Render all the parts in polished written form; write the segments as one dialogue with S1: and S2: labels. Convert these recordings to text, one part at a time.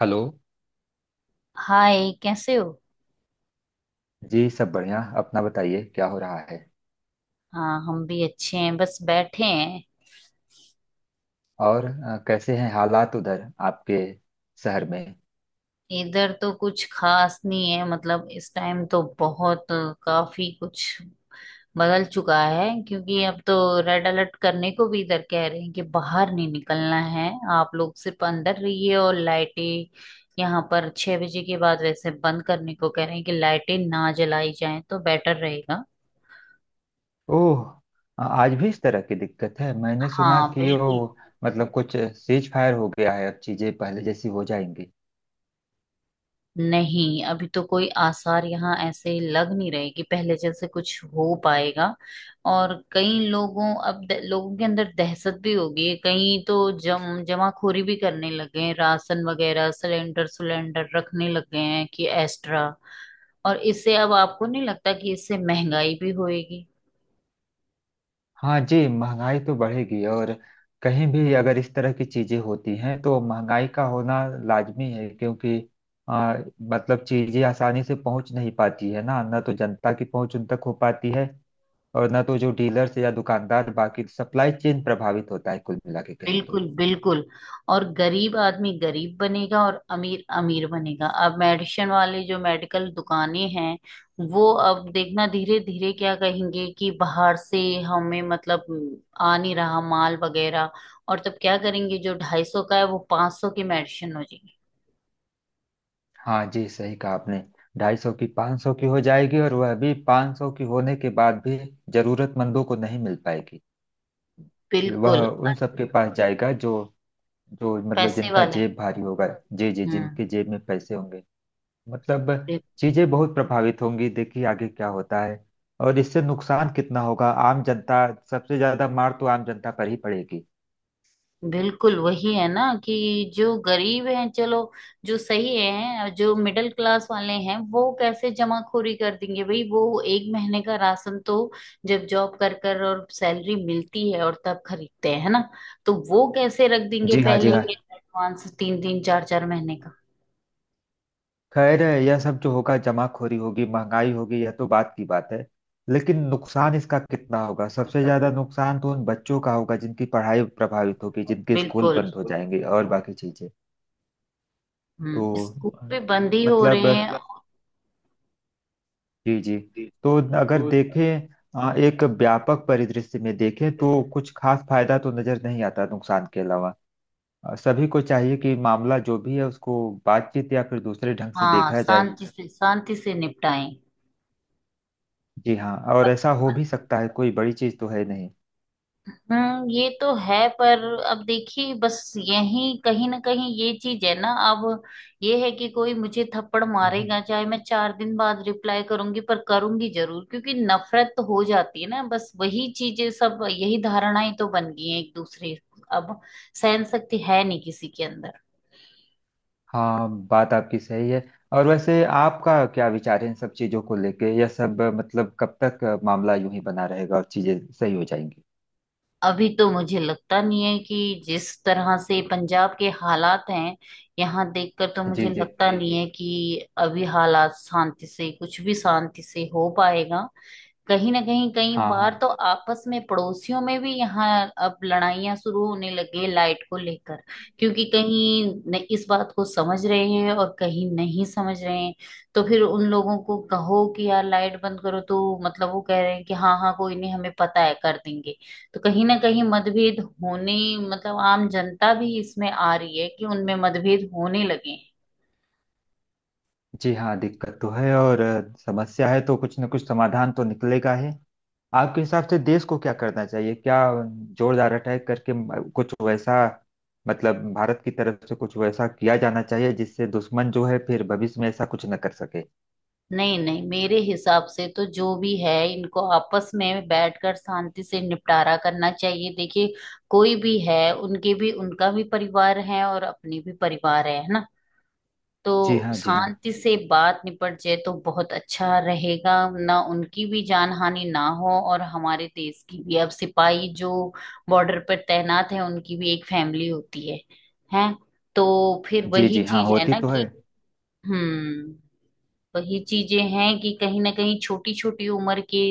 S1: Hello.
S2: Hi, कैसे हो?
S1: जी, सब बढ़िया। अपना बताइए क्या हो रहा है?
S2: हाँ, हम भी अच्छे हैं, बस बैठे हैं।
S1: और कैसे हैं हालात उधर आपके शहर में?
S2: इधर तो कुछ खास नहीं है। मतलब, इस टाइम तो बहुत काफी कुछ बदल चुका है, क्योंकि अब तो रेड अलर्ट करने को भी इधर कह रहे हैं कि बाहर नहीं निकलना है, आप लोग सिर्फ अंदर रहिए। और लाइटें यहाँ पर 6 बजे के बाद वैसे बंद करने को कह रहे हैं कि लाइटें ना जलाई जाएं तो बेटर रहेगा।
S1: ओह। आज भी इस तरह की दिक्कत है? मैंने सुना
S2: हाँ
S1: कि वो
S2: बिल्कुल।
S1: मतलब कुछ सीज फायर हो गया है, अब चीजें पहले जैसी हो जाएंगी?
S2: नहीं, अभी तो कोई आसार यहाँ ऐसे लग नहीं रहे कि पहले जैसे कुछ हो पाएगा। और कई लोगों, अब लोगों के अंदर दहशत भी होगी। कई तो जम जमाखोरी भी करने लगे हैं, राशन वगैरह, सिलेंडर सिलेंडर रखने लग गए हैं कि एक्स्ट्रा। और इससे अब आपको नहीं लगता कि इससे महंगाई भी होएगी?
S1: हाँ जी, महंगाई तो बढ़ेगी। और कहीं भी अगर इस तरह की चीजें होती हैं तो महंगाई का होना लाजमी है, क्योंकि आ, मतलब चीजें आसानी से पहुंच नहीं पाती है ना, ना तो जनता की पहुंच उन तक हो पाती है, और ना तो जो डीलर्स या दुकानदार, बाकी सप्लाई चेन प्रभावित होता है, कुल मिला के कहें तो।
S2: बिल्कुल बिल्कुल और गरीब आदमी गरीब बनेगा और अमीर अमीर बनेगा। अब मेडिसिन वाले, जो मेडिकल दुकानें हैं, वो अब देखना धीरे धीरे क्या कहेंगे कि बाहर से हमें, मतलब, आ नहीं रहा माल वगैरह। और तब क्या करेंगे? जो 250 का है वो 500 की मेडिसिन हो जाएगी।
S1: हाँ जी, सही कहा आपने। 250 की 500 की हो जाएगी, और वह भी 500 की होने के बाद भी जरूरतमंदों को नहीं मिल पाएगी। वह
S2: बिल्कुल।
S1: उन सबके पास जाएगा जो जो मतलब
S2: पैसे
S1: जिनका
S2: वाले।
S1: जेब भारी होगा। जी जी, जिनके
S2: हम्म।
S1: जेब में पैसे होंगे। मतलब चीजें बहुत प्रभावित होंगी, देखिए आगे क्या होता है। और इससे नुकसान कितना होगा आम जनता, सबसे ज्यादा मार तो आम जनता पर ही पड़ेगी।
S2: बिल्कुल। वही है ना कि जो गरीब हैं, चलो, जो सही हैं, और जो मिडिल क्लास वाले हैं, वो कैसे जमाखोरी कर देंगे भाई? वो 1 महीने का राशन तो जब जॉब कर कर और सैलरी मिलती है, और तब खरीदते हैं, है ना? तो वो कैसे रख देंगे
S1: जी हाँ, जी
S2: पहले
S1: हाँ।
S2: ही एडवांस तीन तीन चार चार महीने का?
S1: खैर, यह सब जो होगा, जमाखोरी होगी, महंगाई होगी, यह तो बात की बात है। लेकिन नुकसान इसका कितना होगा? सबसे ज्यादा नुकसान तो उन बच्चों का होगा जिनकी पढ़ाई प्रभावित होगी, जिनके स्कूल
S2: बिल्कुल।
S1: बंद हो जाएंगे, और बाकी चीजें। तो
S2: हम्म, स्कूल पे
S1: अ,
S2: बंद ही हो रहे
S1: मतलब,
S2: हैं।
S1: जी जी, तो अगर देखें, एक व्यापक परिदृश्य में देखें तो कुछ खास फायदा तो नजर नहीं आता नुकसान के अलावा। सभी को चाहिए कि मामला जो भी है उसको बातचीत या फिर दूसरे ढंग से
S2: हाँ,
S1: देखा जाए।
S2: शांति से निपटाएं।
S1: जी हाँ, और ऐसा हो भी सकता है, कोई बड़ी चीज तो है नहीं।
S2: हम्म, ये तो है, पर अब देखिए, बस यही कहीं ना कहीं ये चीज है ना। अब ये है कि कोई मुझे थप्पड़
S1: हम्म।
S2: मारेगा, चाहे मैं 4 दिन बाद रिप्लाई करूंगी, पर करूंगी जरूर, क्योंकि नफरत तो हो जाती है ना। बस वही चीजें, सब यही धारणाएं तो बन गई हैं एक दूसरे। अब सहन शक्ति है नहीं किसी के अंदर।
S1: हाँ, बात आपकी सही है। और वैसे आपका क्या विचार है इन सब चीजों को लेके, यह सब मतलब कब तक मामला यूं ही बना रहेगा और चीजें सही हो जाएंगी?
S2: अभी तो मुझे लगता नहीं है कि जिस तरह से पंजाब के हालात हैं, यहाँ देखकर तो
S1: जी
S2: मुझे
S1: जी,
S2: लगता नहीं है कि अभी हालात शांति से, कुछ भी शांति से हो पाएगा। कहीं ना कहीं कई
S1: हाँ
S2: बार
S1: हाँ।
S2: तो आपस में पड़ोसियों में भी यहाँ अब लड़ाइयां शुरू होने लगे, लाइट को लेकर, क्योंकि कहीं इस बात को समझ रहे हैं और कहीं नहीं समझ रहे हैं। तो फिर उन लोगों को कहो कि यार, लाइट बंद करो, तो मतलब वो कह रहे हैं कि हाँ हाँ कोई नहीं, हमें पता है, कर देंगे। तो कहीं ना कहीं मतभेद होने, मतलब आम जनता भी इसमें आ रही है कि उनमें मतभेद होने लगे हैं।
S1: जी हाँ, दिक्कत तो है, और समस्या है तो कुछ न कुछ समाधान तो निकलेगा ही। आपके हिसाब से देश को क्या करना चाहिए? क्या जोरदार अटैक करके कुछ वैसा मतलब, भारत की तरफ से कुछ वैसा किया जाना चाहिए जिससे दुश्मन जो है फिर भविष्य में ऐसा कुछ न कर सके?
S2: नहीं नहीं, मेरे हिसाब से तो जो भी है, इनको आपस में बैठकर शांति से निपटारा करना चाहिए। देखिए, कोई भी है, उनके भी, उनका भी परिवार है, और अपनी भी परिवार है ना?
S1: जी
S2: तो
S1: हाँ, जी हाँ।
S2: शांति से बात निपट जाए तो बहुत अच्छा रहेगा ना। उनकी भी जान हानि ना हो, और हमारे देश की भी। अब सिपाही जो बॉर्डर पर तैनात है, उनकी भी एक फैमिली होती है, हैं। तो फिर
S1: जी जी,
S2: वही
S1: हाँ,
S2: चीज है
S1: होती
S2: ना
S1: तो है।
S2: कि, हम्म, वही चीजें हैं कि कहीं ना कहीं छोटी छोटी उम्र के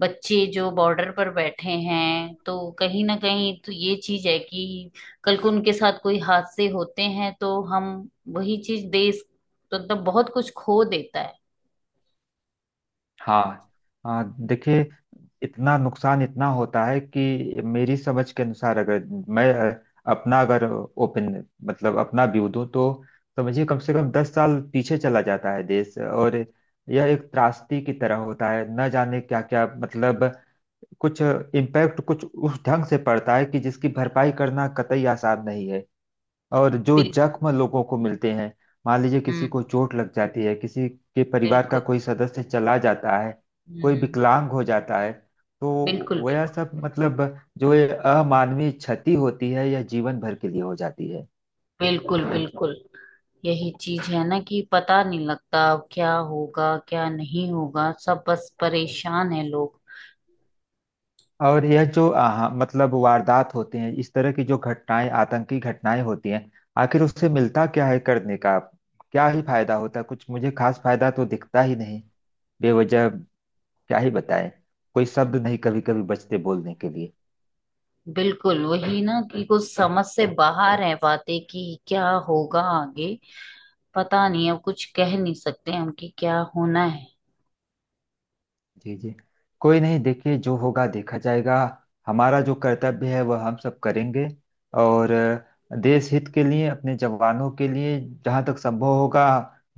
S2: बच्चे जो बॉर्डर पर बैठे हैं, तो कहीं ना कहीं तो ये चीज है कि कल को उनके साथ कोई हादसे होते हैं तो हम, वही चीज, देश तो मतलब बहुत कुछ खो देता है।
S1: हाँ हाँ, देखिए, इतना नुकसान इतना होता है कि मेरी समझ के अनुसार, अगर मैं अपना अगर ओपन मतलब अपना व्यू दूं तो समझिए कम से कम 10 साल पीछे चला जाता है देश। और यह एक त्रासदी की तरह होता है, न जाने क्या क्या मतलब, कुछ इम्पैक्ट कुछ उस ढंग से पड़ता है कि जिसकी भरपाई करना कतई आसान नहीं है। और जो
S2: बिल,
S1: जख्म लोगों को मिलते हैं, मान लीजिए किसी को
S2: हम्म।
S1: चोट लग जाती है, किसी के परिवार का
S2: बिल्कुल।
S1: कोई सदस्य चला जाता है, कोई
S2: हम्म।
S1: विकलांग हो जाता है, तो
S2: बिल्कुल
S1: वह
S2: बिल्कुल।
S1: सब मतलब जो ये अमानवीय क्षति होती है, यह जीवन भर के लिए हो जाती है।
S2: बिल्कुल बिल्कुल। यही चीज है ना कि पता नहीं लगता अब क्या होगा, क्या नहीं होगा। सब बस परेशान है लोग।
S1: और यह जो मतलब वारदात होते हैं, इस तरह की जो घटनाएं, आतंकी घटनाएं होती हैं, आखिर उससे मिलता क्या है करने का? क्या ही फायदा होता है? कुछ मुझे खास फायदा तो दिखता ही नहीं। बेवजह क्या ही बताएं, कोई शब्द नहीं कभी कभी बचते बोलने के लिए।
S2: बिल्कुल वही ना कि कुछ समझ से बाहर है बातें कि क्या होगा आगे। पता नहीं, अब कुछ कह नहीं सकते हम कि क्या होना है।
S1: जी जी, कोई नहीं। देखिए, जो होगा देखा जाएगा। हमारा जो कर्तव्य है वह हम सब करेंगे। और देश हित के लिए, अपने जवानों के लिए, जहाँ तक संभव होगा,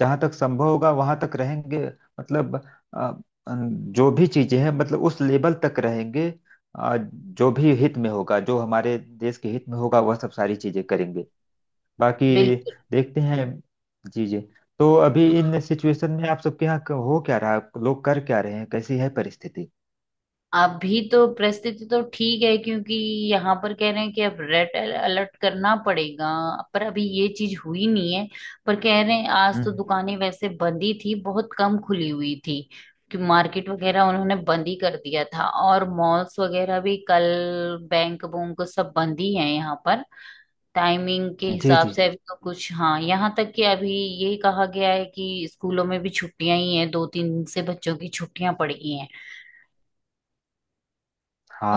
S1: जहाँ तक संभव होगा वहाँ तक रहेंगे। मतलब अ, जो भी चीजें हैं, मतलब उस लेवल तक रहेंगे। जो भी हित में होगा, जो हमारे देश के हित में होगा, वह सब सारी चीजें करेंगे। बाकी
S2: बिल्कुल।
S1: देखते हैं। जी जी। तो अभी इन सिचुएशन में आप सबके यहाँ हो क्या रहा है? लोग कर क्या रहे हैं? कैसी है परिस्थिति?
S2: अभी तो परिस्थिति तो ठीक है, क्योंकि यहाँ पर कह रहे हैं कि अब रेड अलर्ट करना पड़ेगा, पर अभी ये चीज हुई नहीं है। पर कह रहे हैं, आज तो
S1: हम्म।
S2: दुकानें वैसे बंद ही थी, बहुत कम खुली हुई थी। कि मार्केट वगैरह उन्होंने बंद ही कर दिया था, और मॉल्स वगैरह भी कल, बैंक बुंक सब बंद ही है यहाँ पर। टाइमिंग के
S1: जी
S2: हिसाब
S1: जी
S2: से अभी तो कुछ, हाँ, यहाँ तक कि अभी ये कहा गया है कि स्कूलों में भी छुट्टियां ही हैं, 2 3 दिन से बच्चों की छुट्टियां पड़ गई हैं।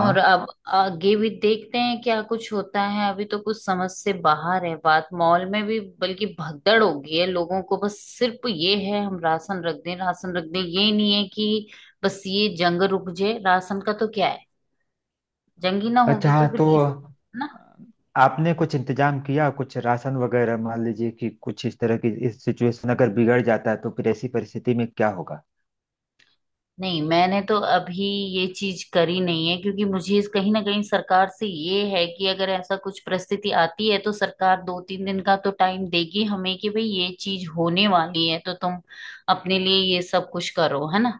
S2: और अब आगे भी देखते हैं क्या कुछ होता है। अभी तो कुछ समझ से बाहर है बात। मॉल में भी बल्कि भगदड़ हो गई है लोगों को, बस सिर्फ ये है, हम राशन रख दें, राशन रख दें। ये नहीं है कि बस ये जंग रुक जाए। राशन का तो क्या है, जंग ही ना
S1: अच्छा,
S2: होगी तो
S1: हाँ,
S2: फिर
S1: तो
S2: इस, ना।
S1: आपने कुछ इंतजाम किया कुछ राशन वगैरह? मान लीजिए कि कुछ इस तरह की इस सिचुएशन अगर बिगड़ जाता है तो फिर ऐसी परिस्थिति में क्या होगा?
S2: नहीं, मैंने तो अभी ये चीज करी नहीं है, क्योंकि मुझे कहीं ना कहीं सरकार से ये है कि अगर ऐसा कुछ परिस्थिति आती है तो सरकार 2 3 दिन का तो टाइम देगी हमें कि भाई, ये चीज होने वाली है, तो तुम अपने लिए ये सब कुछ करो, है ना।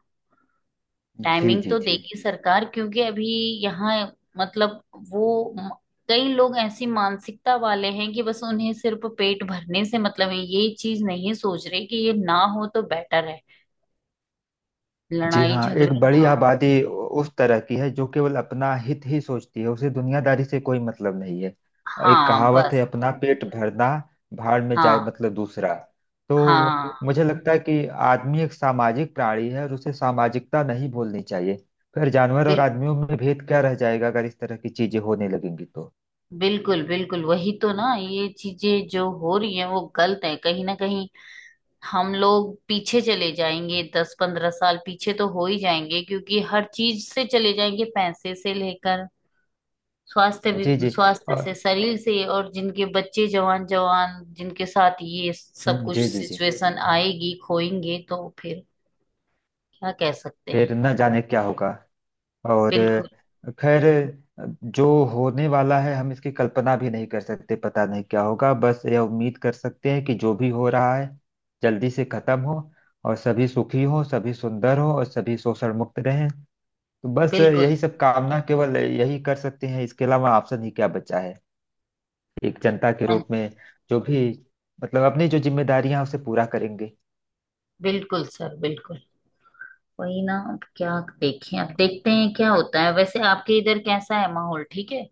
S1: जी
S2: टाइमिंग
S1: जी
S2: तो
S1: जी।
S2: देगी सरकार, क्योंकि अभी यहाँ, मतलब, वो म- कई लोग ऐसी मानसिकता वाले हैं कि बस उन्हें सिर्फ पेट भरने से मतलब है। ये चीज नहीं सोच रहे कि ये ना हो तो बेटर है,
S1: जी
S2: लड़ाई
S1: हाँ, एक
S2: झगड़े
S1: बड़ी
S2: ना हो।
S1: आबादी उस तरह की है जो केवल अपना हित ही सोचती है, उसे दुनियादारी से कोई मतलब नहीं है। एक
S2: हाँ,
S1: कहावत है,
S2: बस।
S1: अपना पेट भरना, भाड़ में जाए
S2: हाँ
S1: मतलब दूसरा। तो
S2: हाँ।
S1: मुझे लगता है कि आदमी एक सामाजिक प्राणी है और उसे सामाजिकता नहीं भूलनी चाहिए। फिर जानवर और
S2: बिल,
S1: आदमियों में भेद क्या रह जाएगा अगर इस तरह की चीजें होने लगेंगी तो।
S2: बिल्कुल बिल्कुल। वही तो ना, ये चीजें जो हो रही हैं वो गलत है। कहीं ना कहीं हम लोग पीछे चले जाएंगे, 10 15 साल पीछे तो हो ही जाएंगे, क्योंकि हर चीज से चले जाएंगे, पैसे से लेकर स्वास्थ्य भी,
S1: जी जी।
S2: स्वास्थ्य
S1: और
S2: से, शरीर से। और जिनके बच्चे जवान, जवान जिनके साथ ये सब कुछ
S1: जी जी जी।
S2: सिचुएशन आएगी, खोएंगे तो फिर क्या कह सकते हैं।
S1: फिर न जाने क्या होगा। और
S2: बिल्कुल।
S1: खैर, जो होने वाला है हम इसकी कल्पना भी नहीं कर सकते, पता नहीं क्या होगा। बस यह उम्मीद कर सकते हैं कि जो भी हो रहा है जल्दी से खत्म हो, और सभी सुखी हो, सभी सुंदर हो, और सभी शोषण मुक्त रहें। तो बस
S2: बिल्कुल।
S1: यही सब कामना केवल यही कर सकते हैं, इसके अलावा ऑप्शन ही क्या बचा है? एक जनता के रूप में जो भी मतलब अपनी जो जिम्मेदारियां हैं, उसे पूरा करेंगे।
S2: बिल्कुल सर, बिल्कुल। वही ना, अब क्या देखें, अब देखते हैं क्या होता है। वैसे आपके इधर कैसा है? माहौल ठीक है?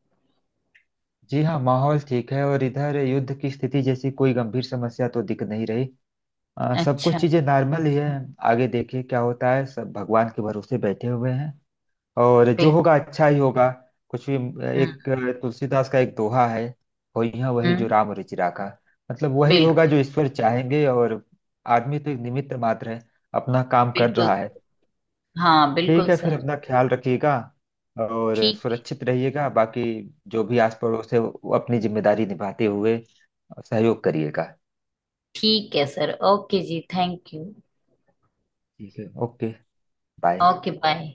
S1: जी हाँ, माहौल ठीक है और इधर युद्ध की स्थिति जैसी कोई गंभीर समस्या तो दिख नहीं रही। सब
S2: अच्छा।
S1: कुछ चीजें नॉर्मल ही है। आगे देखिए क्या होता है, सब भगवान के भरोसे बैठे हुए हैं। और जो
S2: बिल्कुल।
S1: होगा अच्छा ही होगा। कुछ भी।
S2: हम्म।
S1: एक तुलसीदास का एक दोहा है, होई है वही जो
S2: हम्म।
S1: राम रुचि राखा। मतलब वही होगा
S2: बिल्कुल।
S1: जो ईश्वर चाहेंगे, और आदमी तो एक निमित्त मात्र है, अपना काम कर
S2: बिल्कुल
S1: रहा है।
S2: सर। हाँ
S1: ठीक
S2: बिल्कुल
S1: है, फिर
S2: सर।
S1: अपना ख्याल रखिएगा और
S2: ठीक है।
S1: सुरक्षित रहिएगा। बाकी जो भी आस पड़ोस है वो अपनी जिम्मेदारी निभाते हुए सहयोग करिएगा।
S2: ठीक है सर, ओके जी, थैंक यू।
S1: ठीक है, ओके। बाय।
S2: Okay, bye.